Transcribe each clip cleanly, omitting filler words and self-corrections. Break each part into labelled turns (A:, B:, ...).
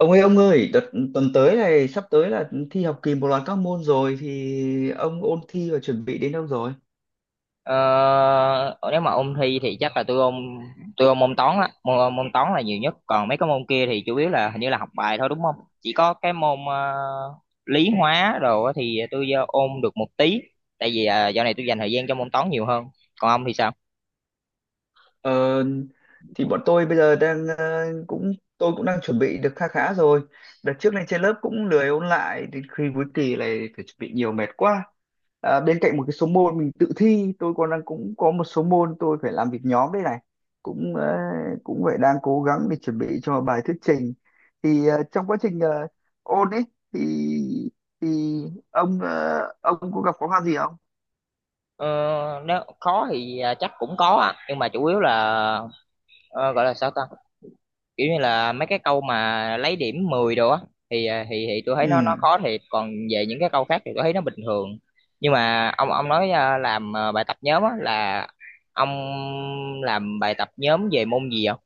A: Ông ơi, đợt tuần tới này sắp tới là thi học kỳ một loạt các môn rồi thì ông ôn thi và chuẩn bị đến đâu rồi?
B: Ờ, nếu mà ôn thi thì chắc là tôi ôn môn toán á, môn toán là nhiều nhất. Còn mấy cái môn kia thì chủ yếu là hình như là học bài thôi, đúng không? Chỉ có cái môn lý hóa đồ á thì tôi ôn được một tí. Tại vì dạo này tôi dành thời gian cho môn toán nhiều hơn. Còn ông thì sao?
A: Ờ, thì bọn tôi bây giờ đang cũng tôi cũng đang chuẩn bị được kha khá rồi. Đợt trước này trên lớp cũng lười ôn lại đến khi cuối kỳ này phải chuẩn bị nhiều mệt quá. À, bên cạnh một cái số môn mình tự thi, tôi còn đang cũng có một số môn tôi phải làm việc nhóm đây này. Cũng cũng phải đang cố gắng để chuẩn bị cho bài thuyết trình. Thì trong quá trình ôn ấy thì thì ông ông có gặp khó khăn gì không?
B: Ờ, nếu khó thì chắc cũng có á, nhưng mà chủ yếu là ờ, gọi là sao ta, kiểu như là mấy cái câu mà lấy điểm 10 đồ á thì thì tôi thấy nó
A: Ừ.
B: khó thiệt. Còn về những cái câu khác thì tôi thấy nó bình thường. Nhưng mà ông nói à, làm à, bài tập nhóm á, là ông làm bài tập nhóm về môn gì không?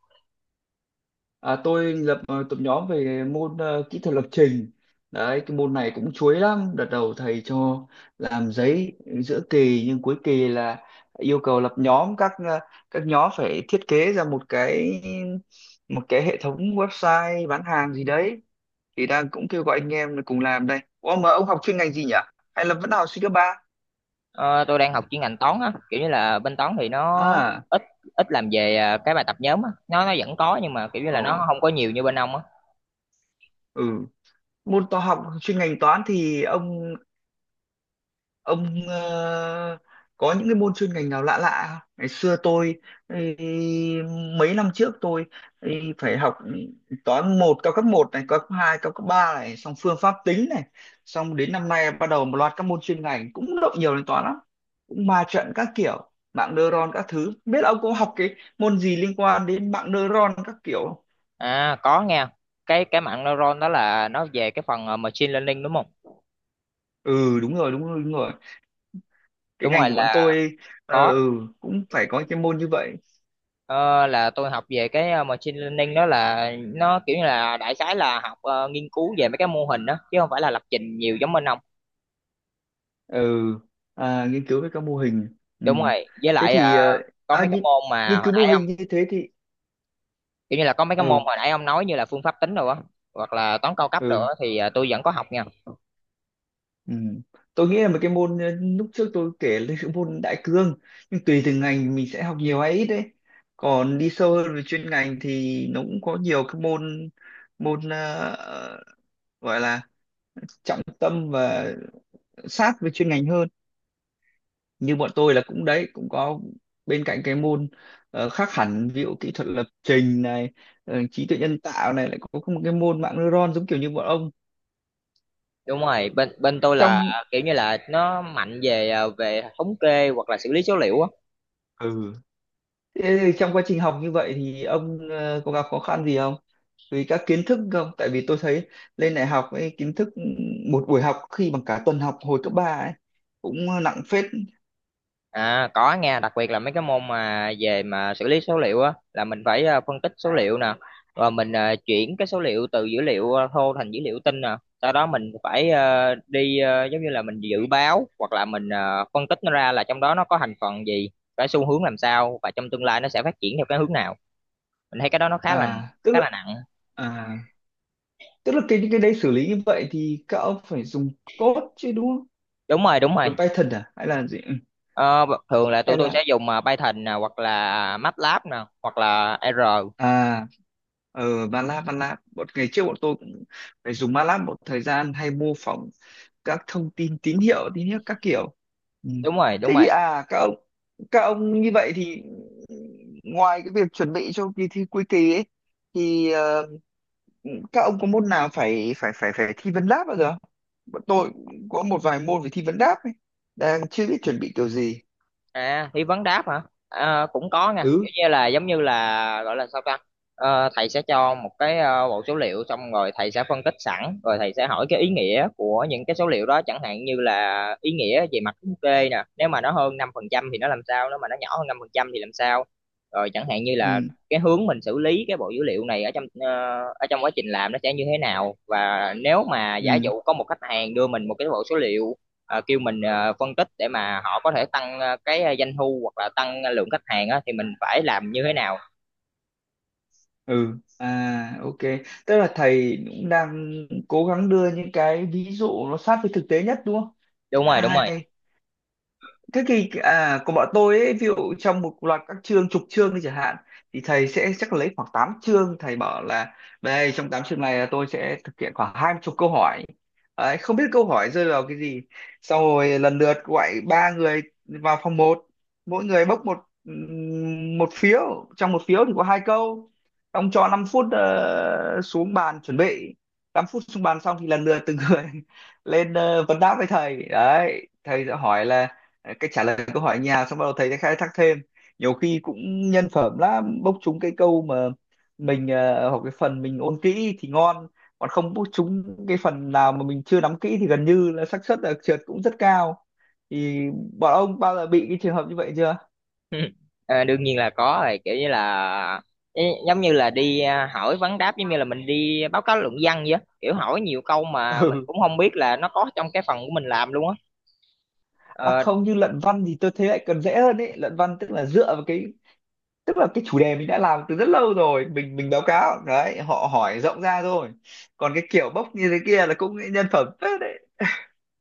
A: À, tôi lập tập nhóm về môn kỹ thuật lập trình. Đấy, cái môn này cũng chuối lắm. Đợt đầu thầy cho làm giấy giữa kỳ nhưng cuối kỳ là yêu cầu lập nhóm các các nhóm phải thiết kế ra một cái hệ thống website bán hàng gì đấy. Thì đang cũng kêu gọi anh em là cùng làm đây. Ủa mà ông học chuyên ngành gì nhỉ? Hay là vẫn học sinh cấp ba?
B: Ờ, tôi đang học chuyên ngành toán á, kiểu như là bên toán thì nó
A: À,
B: ít ít làm về cái bài tập nhóm á, nó vẫn có, nhưng mà kiểu như là
A: ồ,
B: nó không có nhiều như bên ông á.
A: ừ. Môn toán học chuyên ngành toán thì ông có những cái môn chuyên ngành nào lạ lạ không? Ngày xưa tôi ấy, mấy năm trước tôi ấy, phải học toán một cao cấp một này cao cấp 2 cao cấp 3 này xong phương pháp tính này xong đến năm nay bắt đầu một loạt các môn chuyên ngành cũng động nhiều đến toán lắm cũng ma trận các kiểu mạng neuron các thứ. Không biết ông có học cái môn gì liên quan đến mạng neuron các kiểu không?
B: Có nghe, cái mạng neuron đó là nó về cái phần machine learning, đúng không?
A: Ừ đúng rồi đúng rồi đúng rồi cái
B: Đúng
A: ngành
B: rồi,
A: của bọn
B: là
A: tôi
B: có.
A: ừ, cũng phải có cái môn như vậy.
B: Ờ, là tôi học về cái machine learning đó, là nó kiểu như là đại khái là học, nghiên cứu về mấy cái mô hình đó, chứ không phải là lập trình nhiều giống bên ông.
A: Ừ à, nghiên cứu về các mô hình. Ừ.
B: Đúng rồi, với
A: Thế
B: lại
A: thì
B: có
A: à,
B: mấy cái
A: nghiên,
B: môn mà
A: nghiên
B: hồi
A: cứu mô
B: nãy ông
A: hình như thế thì
B: kiểu như là có mấy cái môn
A: ừ
B: hồi nãy ông nói như là phương pháp tính rồi á, hoặc là toán cao cấp rồi
A: ừ
B: á thì tôi vẫn có học nha.
A: ừ tôi nghĩ là một cái môn lúc trước tôi kể là cái môn đại cương nhưng tùy từng ngành mình sẽ học nhiều hay ít đấy còn đi sâu hơn về chuyên ngành thì nó cũng có nhiều cái môn môn ờ, gọi là trọng tâm và sát với chuyên ngành hơn như bọn tôi là cũng đấy cũng có bên cạnh cái môn khác hẳn ví dụ kỹ thuật lập trình này, trí tuệ nhân tạo này lại có một cái môn mạng neuron giống kiểu như bọn ông
B: Đúng rồi, bên bên tôi là
A: trong
B: kiểu như là nó mạnh về về thống kê hoặc là xử lý số liệu á.
A: ừ. Thế trong quá trình học như vậy thì ông có gặp khó khăn gì không? Vì các kiến thức không? Tại vì tôi thấy lên đại học ấy, kiến thức ừ, một buổi học khi bằng cả tuần học hồi cấp 3 ấy cũng nặng phết.
B: À, có nha, đặc biệt là mấy cái môn mà về mà xử lý số liệu á, là mình phải phân tích số liệu nè, rồi mình chuyển cái số liệu từ dữ liệu thô thành dữ liệu tinh nè. Sau đó mình phải đi giống như là mình dự báo, hoặc là mình phân tích nó ra, là trong đó nó có thành phần gì, cái xu hướng làm sao, và trong tương lai nó sẽ phát triển theo cái hướng nào. Mình thấy cái đó nó khá là
A: À tức
B: khá
A: là
B: là nặng.
A: à tức là cái những cái đấy xử lý như vậy thì các ông phải dùng code chứ đúng?
B: Đúng rồi, đúng rồi.
A: Vẫn Python à? Hay là gì? Ừ,
B: Ờ, thường là tụi
A: hay
B: tôi
A: là
B: sẽ dùng Python nè, hoặc là MATLAB nè, hoặc là R.
A: à ờ MATLAB MATLAB. Bọn ngày trước bọn tôi cũng phải dùng MATLAB một thời gian hay mô phỏng các thông tin tín hiệu các kiểu. Ừ.
B: Đúng rồi,
A: Thế
B: đúng
A: thì
B: rồi.
A: à các ông như vậy thì ngoài cái việc chuẩn bị cho kỳ thi cuối kỳ ấy thì các ông có môn nào phải phải phải phải thi vấn đáp bao giờ không? Bọn tôi cũng có một vài môn phải thi vấn đáp ấy. Đang chưa biết chuẩn bị kiểu gì.
B: À, thi vấn đáp hả? À, cũng có nha,
A: Ừ.
B: kiểu như là giống như là gọi là sao ta? Ờ, thầy sẽ cho một cái bộ số liệu, xong rồi thầy sẽ phân tích sẵn, rồi thầy sẽ hỏi cái ý nghĩa của những cái số liệu đó, chẳng hạn như là ý nghĩa về mặt thống kê nè, nếu mà nó hơn 5% thì nó làm sao, nếu mà nó nhỏ hơn 5% thì làm sao. Rồi chẳng hạn như là
A: Ừ.
B: cái hướng mình xử lý cái bộ dữ liệu này, ở trong quá trình làm nó sẽ như thế nào, và nếu mà giả
A: Ừ.
B: dụ có một khách hàng đưa mình một cái bộ số liệu, kêu mình phân tích, để mà họ có thể tăng cái doanh thu hoặc là tăng lượng khách hàng á, thì mình phải làm như thế nào?
A: Ừ à ok tức là thầy cũng đang cố gắng đưa những cái ví dụ nó sát với thực tế nhất đúng không?
B: Đúng
A: À,
B: rồi, đúng rồi.
A: hay thế thì à, của bọn tôi ấy, ví dụ trong một loạt các chương chục chương đi chẳng hạn thì thầy sẽ chắc lấy khoảng 8 chương thầy bảo là đây trong 8 chương này là tôi sẽ thực hiện khoảng 20 chục câu hỏi. Đấy, không biết câu hỏi rơi vào cái gì xong rồi lần lượt gọi ba người vào phòng một mỗi người bốc một một phiếu trong một phiếu thì có hai câu ông cho 5 phút xuống bàn chuẩn bị 5 phút xuống bàn xong thì lần lượt từng người lên vấn đáp với thầy đấy thầy sẽ hỏi là cái trả lời câu hỏi nhà xong bắt đầu thầy sẽ khai thác thêm nhiều khi cũng nhân phẩm lắm bốc trúng cái câu mà mình hoặc cái phần mình ôn kỹ thì ngon còn không bốc trúng cái phần nào mà mình chưa nắm kỹ thì gần như là xác suất là trượt cũng rất cao thì bọn ông bao giờ bị cái trường hợp như vậy chưa?
B: Ờ, đương nhiên là có rồi, kiểu như là giống như là đi hỏi vấn đáp, giống như là mình đi báo cáo luận văn vậy á. Kiểu hỏi nhiều câu mà mình
A: Ừ.
B: cũng không biết là nó có trong cái phần của mình làm luôn á.
A: À
B: Ờ,
A: không như luận văn thì tôi thấy lại còn dễ hơn ấy luận văn tức là dựa vào cái tức là cái chủ đề mình đã làm từ rất lâu rồi mình báo cáo đấy họ hỏi rộng ra thôi còn cái kiểu bốc như thế kia là cũng nhân phẩm phết đấy.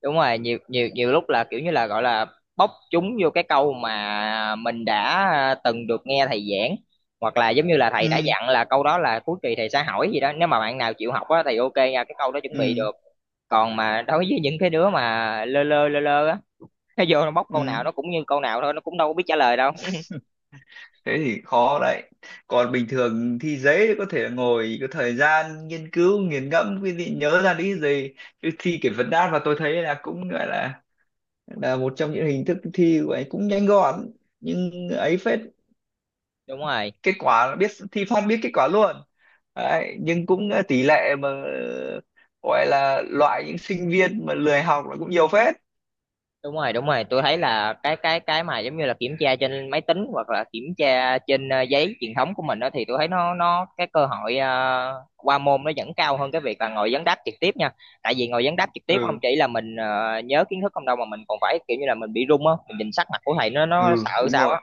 B: đúng rồi, nhiều nhiều nhiều lúc là kiểu như là gọi là bóc chúng vô cái câu mà mình đã từng được nghe thầy giảng, hoặc là giống như là thầy đã
A: Ừ
B: dặn là câu đó là cuối kỳ thầy sẽ hỏi gì đó, nếu mà bạn nào chịu học á thì ok nha, cái câu đó chuẩn bị
A: ừ
B: được. Còn mà đối với những cái đứa mà lơ lơ á nó vô nó bóc câu
A: ừ
B: nào nó cũng như câu nào thôi, nó cũng đâu có biết trả lời đâu.
A: thế thì khó đấy còn bình thường thi giấy thì có thể là ngồi có thời gian nghiên cứu nghiền ngẫm quý vị nhớ ra lý gì chứ thi kiểu vấn đáp mà tôi thấy là cũng gọi là một trong những hình thức thi của ấy cũng nhanh gọn nhưng ấy phết
B: Đúng rồi,
A: kết quả là biết thi phát biết kết quả luôn đấy, nhưng cũng tỷ lệ mà gọi là loại những sinh viên mà lười học là cũng nhiều phết.
B: đúng rồi, đúng rồi, tôi thấy là cái mà giống như là kiểm tra trên máy tính, hoặc là kiểm tra trên giấy truyền thống của mình đó, thì tôi thấy nó cái cơ hội qua môn nó vẫn cao hơn cái việc là ngồi vấn đáp trực tiếp nha. Tại vì ngồi vấn đáp trực tiếp không
A: Ừ
B: chỉ là mình nhớ kiến thức không đâu, mà mình còn phải kiểu như là mình bị run á, mình nhìn sắc mặt của thầy nó
A: ừ
B: sợ
A: đúng
B: sao
A: rồi
B: á.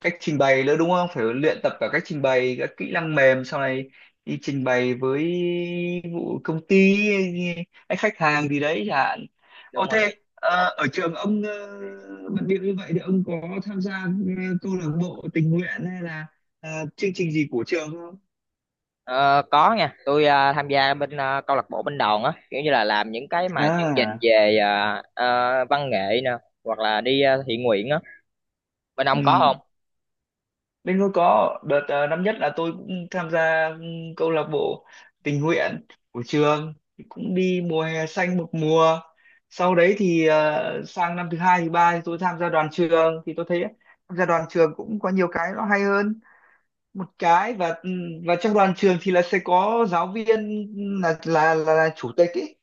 A: cách trình bày nữa đúng không phải luyện tập cả cách trình bày các kỹ năng mềm sau này đi trình bày với vụ công ty hay khách hàng gì đấy chẳng hạn.
B: Đúng
A: Ô
B: rồi.
A: thế ở trường ông bận bịu như vậy thì ông có tham gia câu lạc bộ tình nguyện hay là ờ, chương trình gì của trường không?
B: Ờ, có nha, tôi tham gia bên câu lạc bộ bên đoàn á, kiểu như là làm những cái mà chương trình
A: À
B: về văn nghệ nè, hoặc là đi thiện nguyện á. Bên
A: ừ.
B: ông có?
A: Bên tôi có đợt năm nhất là tôi cũng tham gia câu lạc bộ tình nguyện của trường. Thì cũng đi mùa hè xanh một mùa sau đấy thì sang năm thứ hai thứ ba thì tôi tham gia đoàn trường thì tôi thấy tham gia đoàn trường cũng có nhiều cái nó hay hơn một cái và trong đoàn trường thì là sẽ có giáo viên là chủ tịch ý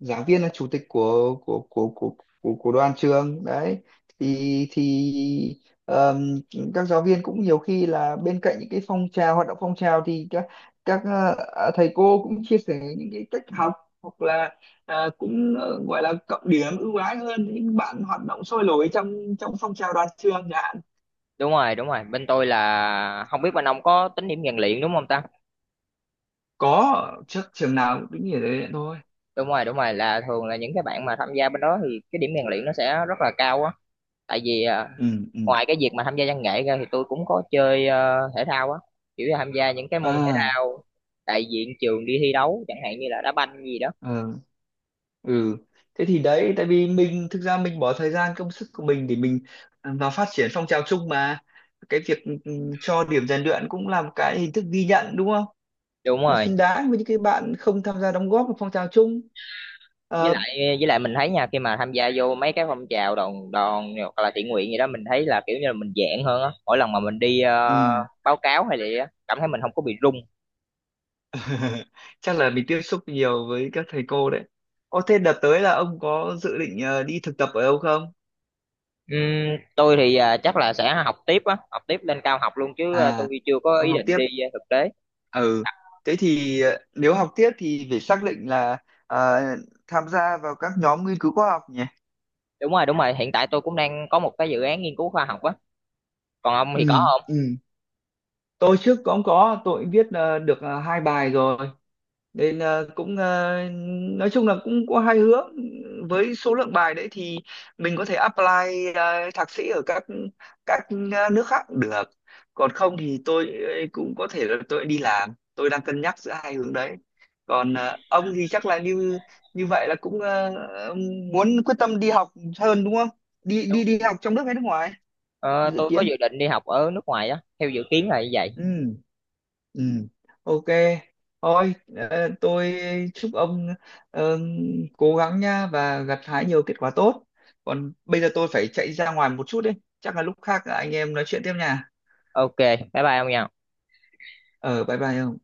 A: giảng viên là chủ tịch của đoàn trường đấy thì thì ờm, các giáo viên cũng nhiều khi là bên cạnh những cái phong trào hoạt động phong trào thì các thầy cô cũng chia sẻ những cái cách học hoặc là cũng gọi là cộng điểm ưu ái hơn những bạn hoạt động sôi nổi trong trong phong trào đoàn trường chẳng hạn.
B: Đúng rồi, đúng rồi, bên tôi là không biết bên ông có tính điểm rèn luyện đúng không ta?
A: Có trước trường nào cũng tính như thế thôi.
B: Đúng rồi, đúng rồi, là thường là những cái bạn mà tham gia bên đó thì cái điểm rèn luyện nó sẽ rất là cao á. Tại vì
A: Ừ ừ
B: ngoài cái việc mà tham gia văn nghệ ra thì tôi cũng có chơi thể thao á, kiểu là tham gia những cái môn thể
A: à
B: thao đại diện trường đi thi đấu, chẳng hạn như là đá banh gì đó.
A: ờ. Ừ thế thì đấy tại vì mình thực ra mình bỏ thời gian công sức của mình để mình vào phát triển phong trào chung mà cái việc cho điểm rèn luyện cũng là một cái hình thức ghi nhận đúng không?
B: Đúng
A: Nó
B: rồi,
A: xứng đáng với những cái bạn không tham gia đóng góp vào phong trào chung.
B: với
A: Ờ,
B: lại với lại mình thấy nha, khi mà tham gia vô mấy cái phong trào đoàn đoàn hoặc là thiện nguyện gì đó, mình thấy là kiểu như là mình dạng hơn á, mỗi lần mà mình đi
A: ừ.
B: báo cáo hay gì á, cảm thấy mình không có bị run.
A: Chắc là mình tiếp xúc nhiều với các thầy cô đấy. Ô, thế đợt tới là ông có dự định đi thực tập ở đâu không?
B: Tôi thì chắc là sẽ học tiếp á, học tiếp lên cao học luôn chứ.
A: À,
B: Tôi chưa có
A: ông
B: ý
A: học
B: định
A: tiếp
B: đi thực tế.
A: ừ thế thì nếu học tiếp thì phải xác định là ờ, tham gia vào các nhóm nghiên cứu khoa học nhỉ.
B: Đúng rồi, hiện tại tôi cũng đang có một cái dự án nghiên cứu khoa học á. Còn ông thì có
A: Ừ
B: không?
A: ừ tôi trước cũng có tôi cũng viết được hai bài rồi nên cũng nói chung là cũng có hai hướng với số lượng bài đấy thì mình có thể apply thạc sĩ ở các các nước khác cũng được còn không thì tôi cũng có thể là tôi đi làm tôi đang cân nhắc giữa hai hướng đấy còn ông thì chắc là như như vậy là cũng muốn quyết tâm đi học hơn đúng không đi
B: Đúng.
A: đi đi học trong nước hay nước ngoài
B: Ờ,
A: dự
B: tôi có
A: kiến
B: dự định đi học ở nước ngoài á, theo dự kiến là như vậy.
A: ừ. Ừ, ok. Thôi, tôi chúc ông ờ, cố gắng nha và gặt hái nhiều kết quả tốt. Còn bây giờ tôi phải chạy ra ngoài một chút đấy. Chắc là lúc khác anh em nói chuyện tiếp nha.
B: Ok, bye bye ông nha.
A: Ờ, bye bye ông.